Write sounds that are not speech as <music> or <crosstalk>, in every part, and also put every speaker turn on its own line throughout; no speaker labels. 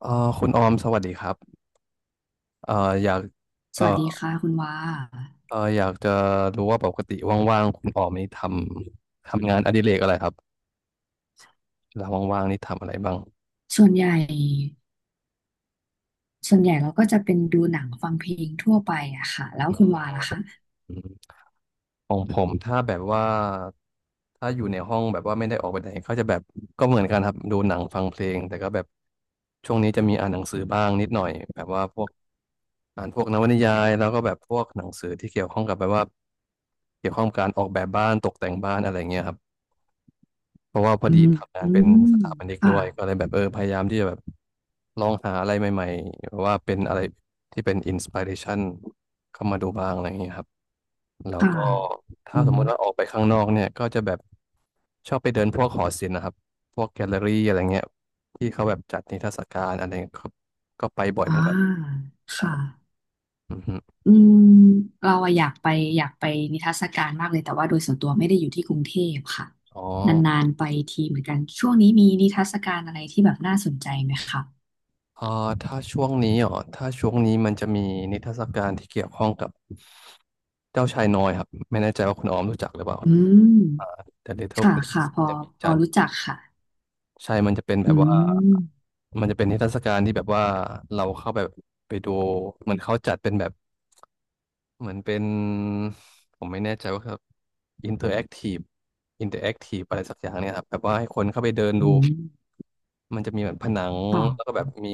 เอ่อคุณออมสวัสดีครับเอ่ออยาก
ส
เอ่อ
วัสดีค่ะคุณว่า
เอ่ออยากจะรู้ว่าปกติว่างๆคุณออมนี่ทำงานอดิเรกอะไรครับเวลาว่างๆนี่ทำอะไรบ้าง
ส่วนใหญ่ส่วนใหญ่เราก็จะเป็นดูหนังฟังเพลงทั่วไปอะค่ะแล้วคุณว่าล่ะคะ
อืมของผมถ้าแบบว่าถ้าอยู่ในห้องแบบว่าไม่ได้ออกไปไหนก็จะแบบก็เหมือนกันครับดูหนังฟังเพลงแต่ก็แบบช่วงนี้จะมีอ่านหนังสือบ้างนิดหน่อยแบบว่าพวกอ่านพวกนวนิยายแล้วก็แบบพวกหนังสือที่เกี่ยวข้องกับแบบว่าเกี่ยวข้องกับการออกแบบบ้านตกแต่งบ้านอะไรเงี้ยครับ เพราะว่าพอ
อื
ดี
ม
ทำงา
อื
นเป็น
ม
สถาปนิกด้
ค่ะ
วยก็เลยแบบพยายามที่จะแบบลองหาอะไรใหม่ๆหรือว่าเป็นอะไรที่เป็นอินสปิเรชันเข้ามาดูบ้างอะไรอย่างเงี้ยครับแล้ว
ค่ะ
ก็ถ้า
อื
สม
ม
มุติว่าออกไปข้างนอกเนี่ยก็จะแบบชอบไปเดินพวกหอศิลป์นะครับพวกแกลเลอรี่อะไรเงี้ยที่เขาแบบจัดนิทรรศการอะไรเงี้ยก็ไปบ่อยเหมื
อ่า
อนกัน
ค
ใช่
่ะ
อือฮึ
อืมเราอะอยากไปอยากไปนิทรรศการมากเลยแต่ว่าโดยส่วนตัวไม่ได้อยู่ที่กรุงเทพค่ะ
อ๋อ
นานๆไปทีเหมือนกันช่วงนี้มีนิทรรศการอะไรที่แบบน่าสนใจไหมคะ
อ่าถ้าช่วงนี้มันจะมีนิทรรศการที่เกี่ยวข้องกับเจ้าชายน้อยครับไม่แน่ใจว่าคุณออมรู้จักหรือเปล่า
อืม
The Little
ค่ะ
Prince
ค่ะพอ
จะมี
พอ
จั
รู้
ด
จักค่ะ
ใช่มันจะเป็นแบ
อื
บว่า
ม
มันจะเป็นนิทรรศการที่แบบว่าเราเข้าไปไปดูเหมือนเขาจัดเป็นแบบเหมือนเป็นผมไม่แน่ใจว่าครับ interactive interactive อะไรสักอย่างเนี่ยครับแบบว่าให้คนเข้าไปเดิน
อื
ดู
ม
มันจะมีแบบผนังแล้วก็แบ
ค่ะ
บมี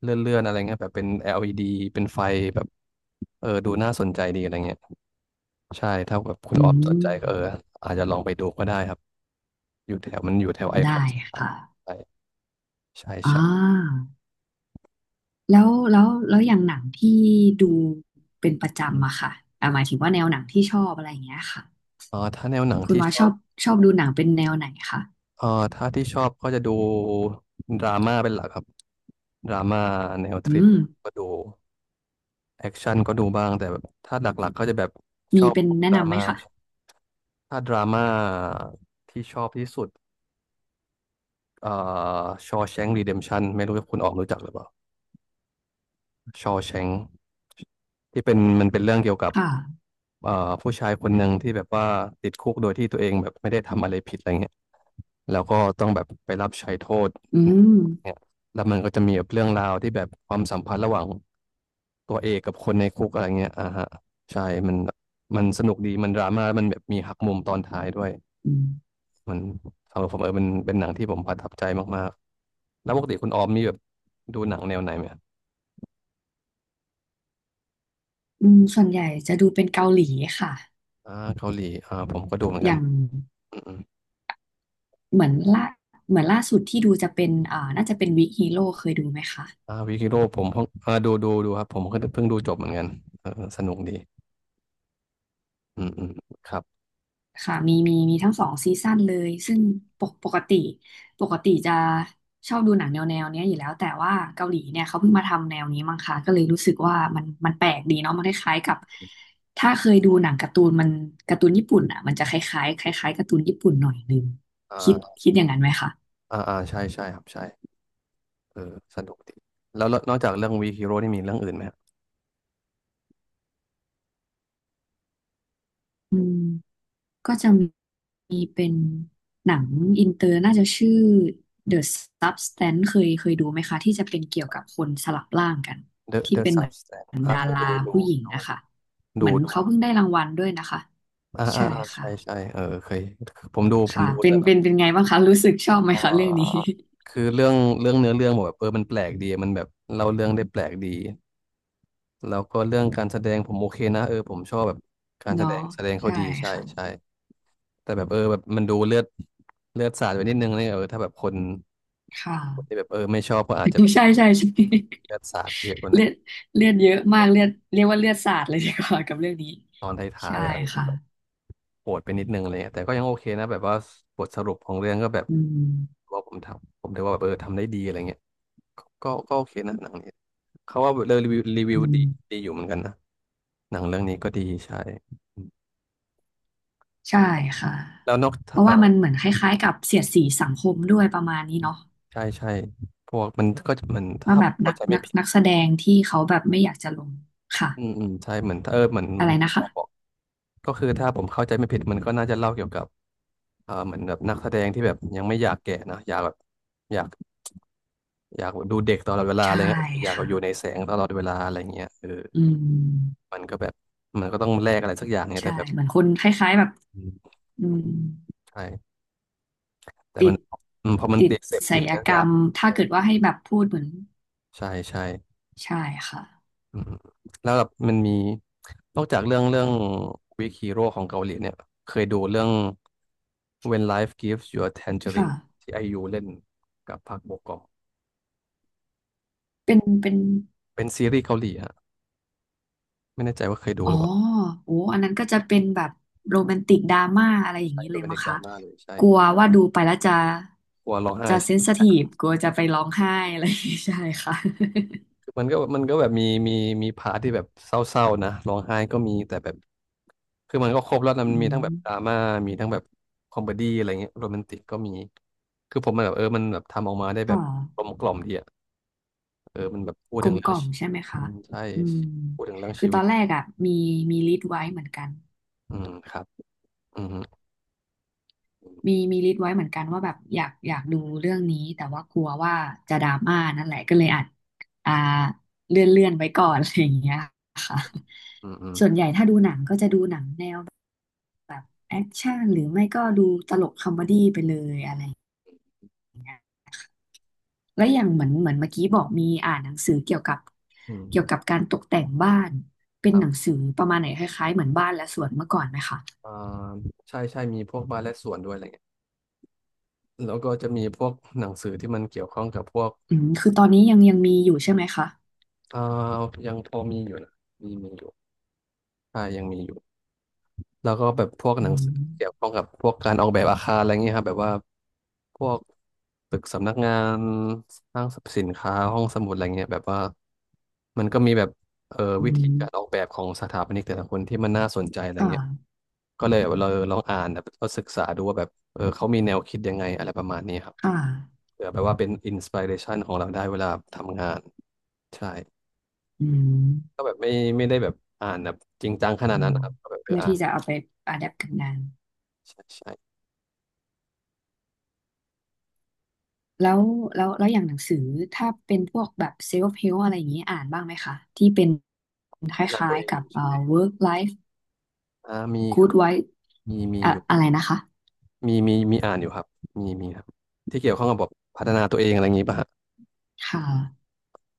เลื่อนๆอะไรเงี้ยแบบเป็น LED เป็นไฟแบบดูน่าสนใจดีอะไรเงี้ยใช่ถ้าแบบคุณ
อื
ออฟสนใจก็
ม
อาจจะลองไปดูก็ได้ครับอยู่แถวมันอยู่แถวไอคอ
ได้
นสยาม
ค่ะ
ใช่ใช่
อ่
ใช่
าแล้วอย่างหนังที่ดูเป็นประ
อื
จำอะ
ม
ค่ะอ่าหมายถึงว่าแนวหนังที่ชอบอะไรอย่างเงี้ยค่ะ
เออถ้าแนวหนัง
คุณ
ที่
ว่า
ช
ช
อ
อ
บ
บดูหนังเป็นแนวไหนคะ
เออถ้าที่ชอบก็จะดูดราม่าเป็นหลักครับดราม่าแนวทริ
อื
ล
ม
ก็ดูแอคชั่นก็ดูบ้างแต่แบบถ้าหลักๆก็จะแบบช
มี
อบ
เป็นแนะ
ดรา
นำไหม
ม่า
คะ
ถ้าดราม่าที่ชอบที่สุด เอ่อชอแชง r e รีเดมชันไม่รู้ว่าคุณออกรู้จักหรือเปล่าชอแชงที่เป็นมันเป็นเรื่องเกี่ยวกับ
ค่ะ
เอ่อผู้ชายคนหนึ่งที่แบบว่าติดคุกโดยที่ตัวเองแบบไม่ได้ทำอะไรผิดอะไรเงี้ยแล้วก็ต้องแบบไปรับใช้โทษ
อืม
เนี่ยแล้วมันก็จะมีแบบเรื่องราวที่แบบความสัมพันธ์ระหว่างตัวเอกกับคนในคุกอะไรเงี้ยอ่าฮะใช่มันมันสนุกดีมันดราม่าแล้วมันแบบมีหักมุมตอนท้ายด้วย
อืม
มันสำหรับผมเป็นหนังที่ผมประทับใจมากๆแล้วปกติคุณออมมีแบบดูหนังแนวไหนไหม
อืมส่วนใหญ่จะดูเป็นเกาหลีค่ะ
อ่าเกาหลีผมก็ดูเหมือน
อ
กัน
ย่าง
อืม
เหมือนล่าเหมือนล่าสุดที่ดูจะเป็นอ่าน่าจะเป็นวิกฮีโร่เคยดูไหมคะ
ๆวิกิโร่ผมเพิ่งดูครับผมก็เพิ่งดูจบเหมือนกันเออสนุกดีอืมอืมครับ
ค่ะมีมีทั้งสองซีซั่นเลยซึ่งปกปกติปกติจะชอบดูหนังแนวเนี้ยอยู่แล้วแต่ว่าเกาหลีเนี่ยเขาเพิ่งมาทำแนวนี้มั้งคะก็เลยรู้สึกว่ามันแปลกดีเนาะมันคล้ายๆกับถ้าเคยดูหนังการ์ตูนการ์ตูนญี่ปุ่นอ่ะมันจะคล้ายๆคล้ายๆการ์ตูนญี่ปุ่นหน่อยนึงคิด
อ่า
คิดอย่างนั้นไหมคะ
อ่าอ่าใช่ใช่ครับใช่เออสนุกดีแล้วแล้วนอกจากเรื่องวีฮีโร่นี่มีเรื่องอื่นไหมครับ
อืม ก็จะมีเป็นหนังอินเตอร์น่าจะชื่อ The Substance เคยดูไหมคะที่จะเป็นเกี่ยวกับคนสลับร่างกัน
The
ที่
The
เป็นเหมือ
Substance
นดา
เคย
ราผู้หญิง
ดู
นะคะเหมื
ดู
อน
ดู
เขา
ครั
เพิ่
บ
งได้รางวัลด้วยนะคะ
อ่าอ่า
ใช่
อ่า
ค่ะ
ใช่ใช่เคยผมดูผม
ค่ะ
ดู
เป็
แต่
นเป็นเป็นไงบ้างคะรู้สึกชอบไหม
เอ่
คะเรื่องนี้
อคือเรื่องเนื้อเรื่องบอกแบบมันแปลกดี มันแบบเล่าเรื่องได้แปลกดีแล้วก็เรื่องการแสดงผมโอเคนะผมชอบแบบการ
<laughs>
แสด
เนาะ
งแสดงเขา
ใช่
ดีใช่
ค่ะ
ใช่แต่แบบแบบมันดูเลือดสาดไปนิดนึงนี่ถ้าแบบคน
ค่ะ
คนที่แบบไม่ชอบก็อาจจะแบ
<laughs> ใช่
บ
ใช่ใช่
เลือ
<laughs>
ดสาดเยอะกว่าหน่
เลื
อย
อดเลือดเยอะมากเลือดเรียกว่าเลือดสาดเลยดีกว่ากับเรื่องนี้
ตอนท้าย
ใช่
ๆอะจะ
ค่ะ
แบบปวดไปนิดนึงอะไรเงี้ยแต่ก็ยังโอเคนะแบบว่าบทสรุปของเรื่องก็แบบ
อืม
ว่าผมทำผมถือว่าแบบทำได้ดีอะไรเงี้ยก็โอเคนะหนังนี้ เขาว่าเรรีวิวรีวิว
อื
ดี
ม
ดีอยู่เหมือนกันนะหนังเรื่องนี้ก็ดีใช่อืม
ใช่ค่ะ
แล้วนอก
เพราะ
เอ่อ
ว่ามันเหมือนคล้ายๆกับเสียดสีสังคมด้วยประมาณนี้เนาะ
ใช่ใช่พวกมันก็จะมัน
ว่า
ถ้า
แบ
ผ
บ
ม
นั
เข้า
ก
ใจไม่
นัก
ผิด
นักแสดงที่เขาแบบไม่อยากจะลงค่ะ
อืมอืมใช่เหมือนเออเหมือนเห
อะ
มือ
ไร
น
นะ
เขาบอก
คะ
ก็คือถ้าผมเข้าใจไม่ผิดมันก็น่าจะเล่าเกี่ยวกับเหมือนแบบนักแสดงที่แบบยังไม่อยากแก่นะอยากแบบอยากอยากดูเด็กตลอดเวลาอะไร
ใช่
เงี้ยอยาก
ค่ะ
อยู่ในแสงตลอดเวลาอะไรเงี้ย
อืม
มันก็แบบมันก็ต้องแลกอะไรสักอย่างเนี่ยแต่
ใช่
แบบ
เหมือนคนคล้ายๆแบบ
อืม
อืม
ใช่แต่
ติ
มัน
ด
พอมัน
ติด
ติดเสพ
ไส
ติด
ย
แล้ว
ก
อ
ร
ยา
ร
ก
มถ้าเกิดว่าให้แบบพูดเหมือน
ใช่ใช่
ใช่ค่ะ
อืมแล้วแบบมันมีนอกจากเรื่องวิกฮีโร่ของเกาหลีเนี่ยเคยดูเรื่อง When Life Gives You a
ค่ะ
Tangerine ที่ไอยูเล่นกับพักโบกอม
เป็นเป็น
เป็นซีรีส์เกาหลีฮะไม่แน่ใจว่าเคยดู
อ๋
ห
อ
รือเปล่า
โอ้อันนั้นก็จะเป็นแบบโรแมนติกดราม่าอะไรอย่าง
ใช่
นี้
ดู
เลย
เป็น
มั้
เด็
ง
กดรา
คะ
ม่าเลยใช่
กลัว
ครอบ
ว่าดูไปแล้วจะ
ครัวร้องไห้
เซ
ใช่
นซิทีฟกลัวจะไปร้องไห้อะไรอย่างงี้ใช่ค่ะ
มันก็แบบมีมีพาร์ทที่แบบเศร้าๆนะร้องไห้ก็มีแต่แบบคือมันก็ครบแล้วนะ
<laughs> อื
มันมีทั้งแบบดรา
ม
ม่ามีทั้งแบบคอมเมดี้อะไรเงี้ยโรแมนติกก็มีคือผมมันแบบเออมันแบบทำออกมาได้แบ
ก็
บกลมกล่อมดีอ่ะเออมันแบบพูด
กล
ถึง
มก
เรื่อ
ล่
ง
อม
ชี
ใช่ไหม
อื
คะ
มใช่
อืม
พูดถึงเรื่อง
คือ
ชี
ต
วิ
อ
ต
นแรกอ่ะมีมีลิสต์ไว้เหมือนกัน
อืมครับอืม
มีลิสต์ไว้เหมือนกันว่าแบบอยากดูเรื่องนี้แต่ว่ากลัวว่าจะดราม่านั่นแหละก็เลยอัดอ่าเลื่อนไว้ก่อนอะไรอย่างเงี้ยค่ะ
อืมอืม
แอคชั่นหรือไม่ก็ดูตลกคอมเมดี้ไปเลยอะไรแล้วอย่างเหมือนเมื่อกี้บอกมีอ่านหนังสือเกี่ยวกับ
อืม
การตกแต่งบ้านเป็น
ครั
ห
บ
นังสือประมาณไหนคล้ายๆเหมือนบ้านและสวนเมื่อก่อนไหมคะ
อ่าใช่ใช่มีพวกบาร์และสวนด้วยอะไรเงี้ยแล้วก็จะมีพวกหนังสือที่มันเกี่ยวข้องกับพวก
อืมคือตอนนี้ยังมีอยู่ใช่ไหมคะ
อ่ายังพอมีอยู่นะมีอยู่ใช่ยังมีอยู่ แล้วก็แบบพวกห
อื
นังสือ
ม
เกี่ยวข้องกับพวกการออกแบบอาคารอะไรเงี้ยครับแบบว่าพวกตึกสำนักงานห้างสรรพสินค้าห้องสมุดอะไรเงี้ยแบบว่ามันก็มีแบบเออ
อื
วิธี
ม
การออกแบบของสถาปนิกแต่ละคนที่มันน่าสนใจอะไร
ค่
เงี้ย
ะ
ก็เลยเราลองอ่านแบบก็ศึกษาดูว่าแบบเออเขามีแนวคิดยังไงอะไรประมาณนี้ครับ
ค่ะ
เผื่อแบบว่าเป็นอินสปิเรชันของเราได้เวลาทำงานใช่
อืม
ก็แบบไม่ได้แบบอ่านแบบจริงจังขนา
อื
ดนั้น
ม
นะครับก็แบบเออ
เพื่อ
อ่าน
ที่จะเอาไปอะแดปกับงาน
ใช่ใช่
แล้วแล้วแล้วอย่างหนังสือถ้าเป็นพวกแบบเซลฟ์เฮลอะไรอย่างนี้อ่านบ้างไหมคะที่เป็นค
พัฒนาตั
ล้า
ว
ย
เอ
ๆ
ง
กับ
ใช่ไหม
work life
มีเค
Good
ย
Wife
มี
อะ
อยู่
อะไรนะคะ
มีอ่านอยู่ครับมีครับที่เกี่ยวข้องกับแบบพัฒนาตัวเองอะไรอย่างนี้ป่ะฮะ
ค่ะ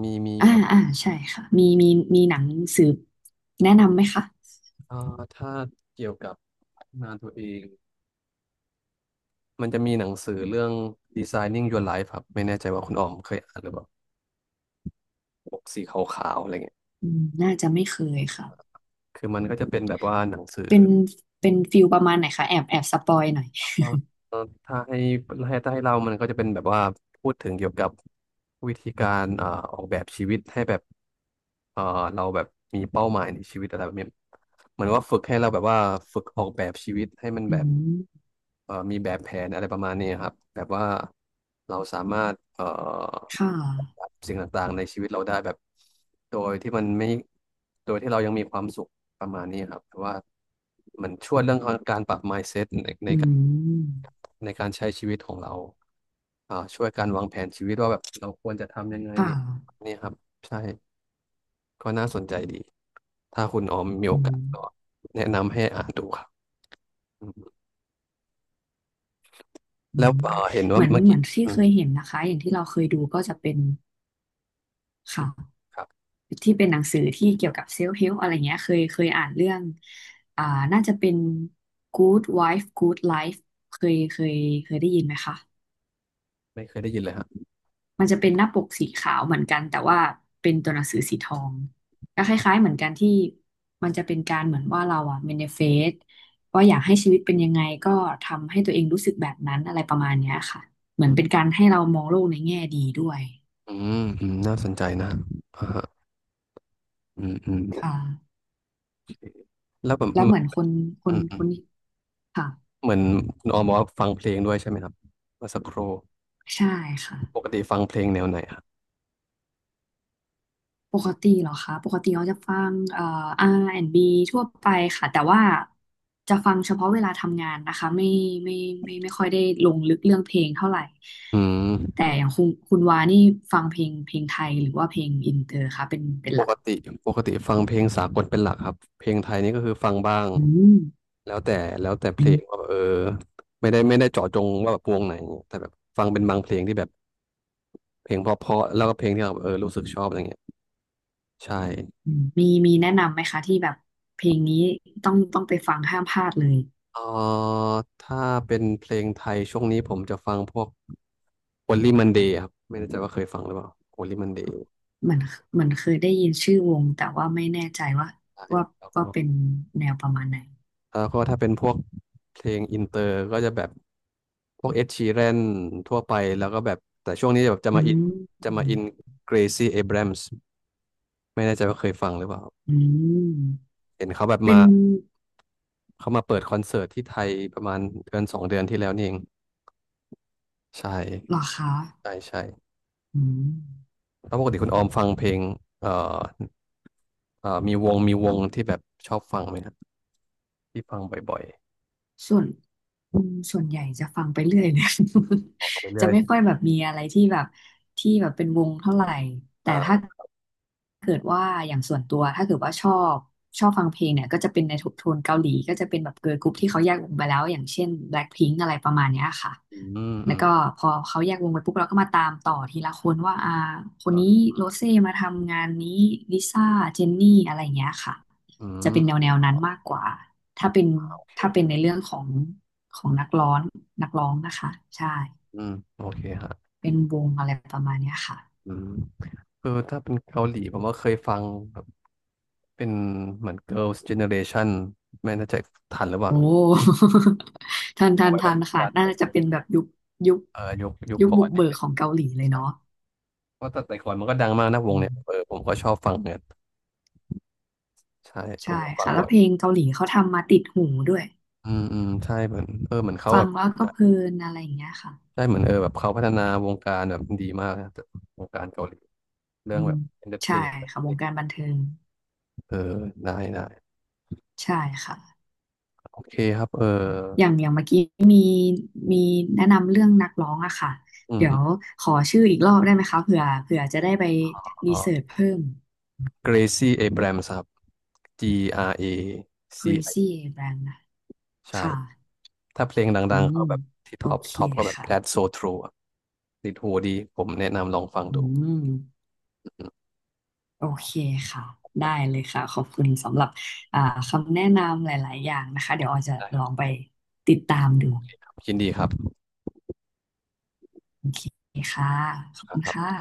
มีอ
อ่า
ยู่ครับ
อ่าใช่ค่ะมีมีหนังสืบแนะนำไหมคะ
อ่าถ้าเกี่ยวกับพัฒนาตัวเองมันจะมีหนังสือเรื่อง Designing Your Life ครับไม่แน่ใจว่าคุณออมเคยอ่านหรือเปล่าปกสีขาวๆอะไรเงี้ย
อืมน่าจะไม่เคยค่ะ
คือมันก็จะเป็นแบบว่าหนังสือ
เป็นเป็นฟิลประมาณไหนคะแอบสปอยหน่อย
เอ่อถ้าให้ถ้าให้เรามันก็จะเป็นแบบว่าพูดถึงเกี่ยวกับวิธีการออกแบบชีวิตให้แบบเอ่อเราแบบมีเป้าหมายในชีวิตอะไรแบบนี้เหมือนว่าฝึกให้เราแบบว่าฝึกออกแบบชีวิตให้มัน
อื
แบบ
ม
มีแบบแผนอะไรประมาณนี้ครับแบบว่าเราสามารถ
ค่ะ
สิ่งต่างๆในชีวิตเราได้แบบโดยที่มันไม่โดยที่เรายังมีความสุขประมาณนี้ครับแต่ว่ามันช่วยเรื่องการปรับ mindset ใน
อืม
ในการใช้ชีวิตของเราอ่าช่วยการวางแผนชีวิตว่าแบบเราควรจะทำยังไง
ค่ะ
เนี่ยครับใช่ก็น่าสนใจดี ถ้าคุณออมมีโอ
อื
กาส
ม
ก็แนะนำให้อ่านดูครับอืม
อื
แล้ว
ม
เห็นว่าเมื่อ
เหมื
กี้
อนที่
อื
เค
ม
ยเห็นนะคะอย่างที่เราเคยดูก็จะเป็น
อืม
ค่ะ
ครับ
ที่เป็นหนังสือที่เกี่ยวกับเซลฟ์เฮล p อะไรเงี้ยเคยอ่านเรื่องอ่าน่าจะเป็น Good Wife Good Life เคยเคยเคยได้ยินไหมคะ
ไม่เคยได้ยินเลยฮะ
มันจะเป็นหน้าปกสีขาวเหมือนกันแต่ว่าเป็นตัวหนังสือสีทองก็คล้ายๆเหมือนกันที่มันจะเป็นการเหมือนว่าเราอะเมนิเฟสว่าอยากให้ชีวิตเป็นยังไงก็ทำให้ตัวเองรู้สึกแบบนั้นอะไรประมาณเนี้ยค่ะเหมือ
อื
นเป็น
ม
การให้เรามองโลกในแง่ดีด้วย
อืมอืมน่าสนใจนะอ่าฮะอืมอืม
ค่ะ
แล้วแบบ
แล้ว
เห
เห
มือ
มื
น
อน
อืมอื
ค
ม
นค่ะ
เหมือนคุณออมบอกว่าฟังเพลงด้วยใช่ไหมครับเมื่อสักครู่
ใช่ค่ะ
ปกติฟังเพลงแนวไหนฮะ
ปกติเหรอคะปกติเราจะฟังr ีทั่วไปค่ะแต่ว่าจะฟังเฉพาะเวลาทำงานนะคะไม่ไม่ค่อยได้ลงลึกเรื่องเพลงเท่าไหร่
อืม
แต่อย่างคุณวานี่ฟังเพลงไทยหรือว่าเพลงอินเตอร์คะเป็น
ป
หลัก
กติปกติฟังเพลงสากลเป็นหลักครับเพลงไทยนี่ก็คือฟังบ้าง
อืม
แล้วแต่แล้วแต่เพ
อื
ลงว่า
ม
แบบเออไม่ได้เจาะจงว่าแบบวงไหนแต่แบบฟังเป็นบางเพลงที่แบบเพลงเพราะๆแล้วก็เพลงที่เราแบบเออรู้สึกชอบอะไรเงี้ยใช่
อืมมีมีแนะนำไหมคะที่แบบเพลงนี้ต้องไปฟังห้ามพลาดเลย
เออถ้าเป็นเพลงไทยช่วงนี้ผมจะฟังพวก Only Monday ครับไม่แน่ใจว่าเคยฟังหรือเปล่า Only Monday
เหมือนเหมือนเคยได้ยินชื่อวงแต่ว่าไม่แน่ใจ
ใช่
ว่า
แล้วก็
ว่าเป็นแนวประมาณไหน
แล้วก็ถ้าเป็นพวกเพลงอินเตอร์ก็จะแบบพวกเอ็ดชีแรนทั่วไปแล้วก็แบบแต่ช่วงนี้แบบจะ
อื
มาอินจะมาอิน
ม
เกรซี่เอ r บรมส์ไม่แน่ใจว่าเคยฟังหรือเปล่า
อืม
เห็นเขาแบบ
เป็
มา
น
เขามาเปิดคอนเสิร์ตที่ไทยประมาณเดือนสองเดือนที่แล้วนี่เองใช
เหรอ
่
คะ
ใช่ใช่
อืม
แล้วปกติคุณออมฟังเพลงเอ่อมีวงที่แบบชอบฟังไหมครับที่ฟังบ่อย
ส่วนอืมส่วนใหญ่จะฟังไปเรื่อยเลย
ๆฟังไป
<laughs>
เรื่
จะ
อย
ไม่ค่อยแบบมีอะไรที่แบบเป็นวงเท่าไหร่ แต่ถ้า
อ่า
เกิดว่าอย่างส่วนตัวถ้าเกิดว่าชอบฟังเพลงเนี่ยก็จะเป็นในโทนเกาหลีก็จะเป็นแบบเกิร์ลกรุ๊ปที่เขาแยกวงไปแล้วอย่างเช่น BLACKPINK อะไรประมาณเนี้ยค่ะ
อืมอื
แล้ว
ม
ก็พอเขาแยกวงไปปุ๊บเราก็มาตามต่อทีละคนว่าอ่าคนนี้
อ่ะ
โรเซ่มาทำงานนี้ลิซ่าเจนนี่อะไรอย่างเงี้ยค่ะ
อื
จะเป็
ม
นแนวนั้นมากกว่า ถ้าเป็น
โอเค
ถ้าเป็นในเรื่องของของนักร้องนะคะใช่
อืมโอเคฮะ
เป็นวงอะไรประมาณเนี้ยค่ะ
อืม คือถ้าเป็นเกาหลีผมว่าเคยฟังแบบเป็นเหมือน Girls Generation ไม่แน่ใจทันหรือเป
โอ้
ล่า
<laughs>
เอาไว้แบ
ทั
บ
น
ต
ค่ะ
อน
น่าจะเป็นแบบยุคยุค
เออยุค
ยุค
ก่อ
บุ
น
กเบิก
เนี่ย
ของเกาหลีเลย
ใช่
เนาะ
เพราะแต่ก่อนมันก็ดังมากนะว
อื
งเนี่ยเออ
ม
ผมก็ชอบฟังเนี่ยใช่ผ
ใช่
มก็ฟัง
ค่ะแล้
บ่
ว
อย
เพลงเกาหลีเขาทำมาติดหูด้วย
อืมอืมใช่เหมือนเออเหมือนเขา
ฟั
แบ
ง
บ
แล้วก็เพลินอะไรอย่างเงี้ยค่ะ
ใช่เหมือนเออแบบเขาพัฒนาวงการแบบดีมากนะแต่วงการเกาหลีเรื่
อื
องแบ
ม
บเอนเตอร์เท
ใช่
น
ค่ะวงการบันเทิง
เออได้ได้
ใช่ค่ะ
โอเคครับเออ
อย่างเมื่อกี้มีมีแนะนำเรื่องนักร้องอะค่ะ
อืม
เดี๋
อ
ยว
ม
ขอชื่ออีกรอบได้ไหมคะเผื่อจะได้ไป
อ๋
รี
อ
เสิร์ชเพิ่ม
เกรซี่เอแบรมส์ครับ G R A C
Gracie a b r a m นะ
ใช่
ค่ะ
ถ้าเพลง
อื
ดังๆ
ม
เขาแบบที่
โอ
ท็อป
เค
ท็อปก็แบบ That's
ค่ะ
So True อะติดหูดี ผมแนะนำลองฟัง
อื
ดู
ม
อืม
โอเคค่ะได้เลยค่ะขอบคุณสำหรับอ่าคำแนะนำหลายๆ อย่างนะคะเดี๋ยวออยจะ
ได้ค
ล
รับ
องไปติดตามดู
ยินดีครับ
โอเคค่ะขอบคุณ
ครั
ค่ะ
บ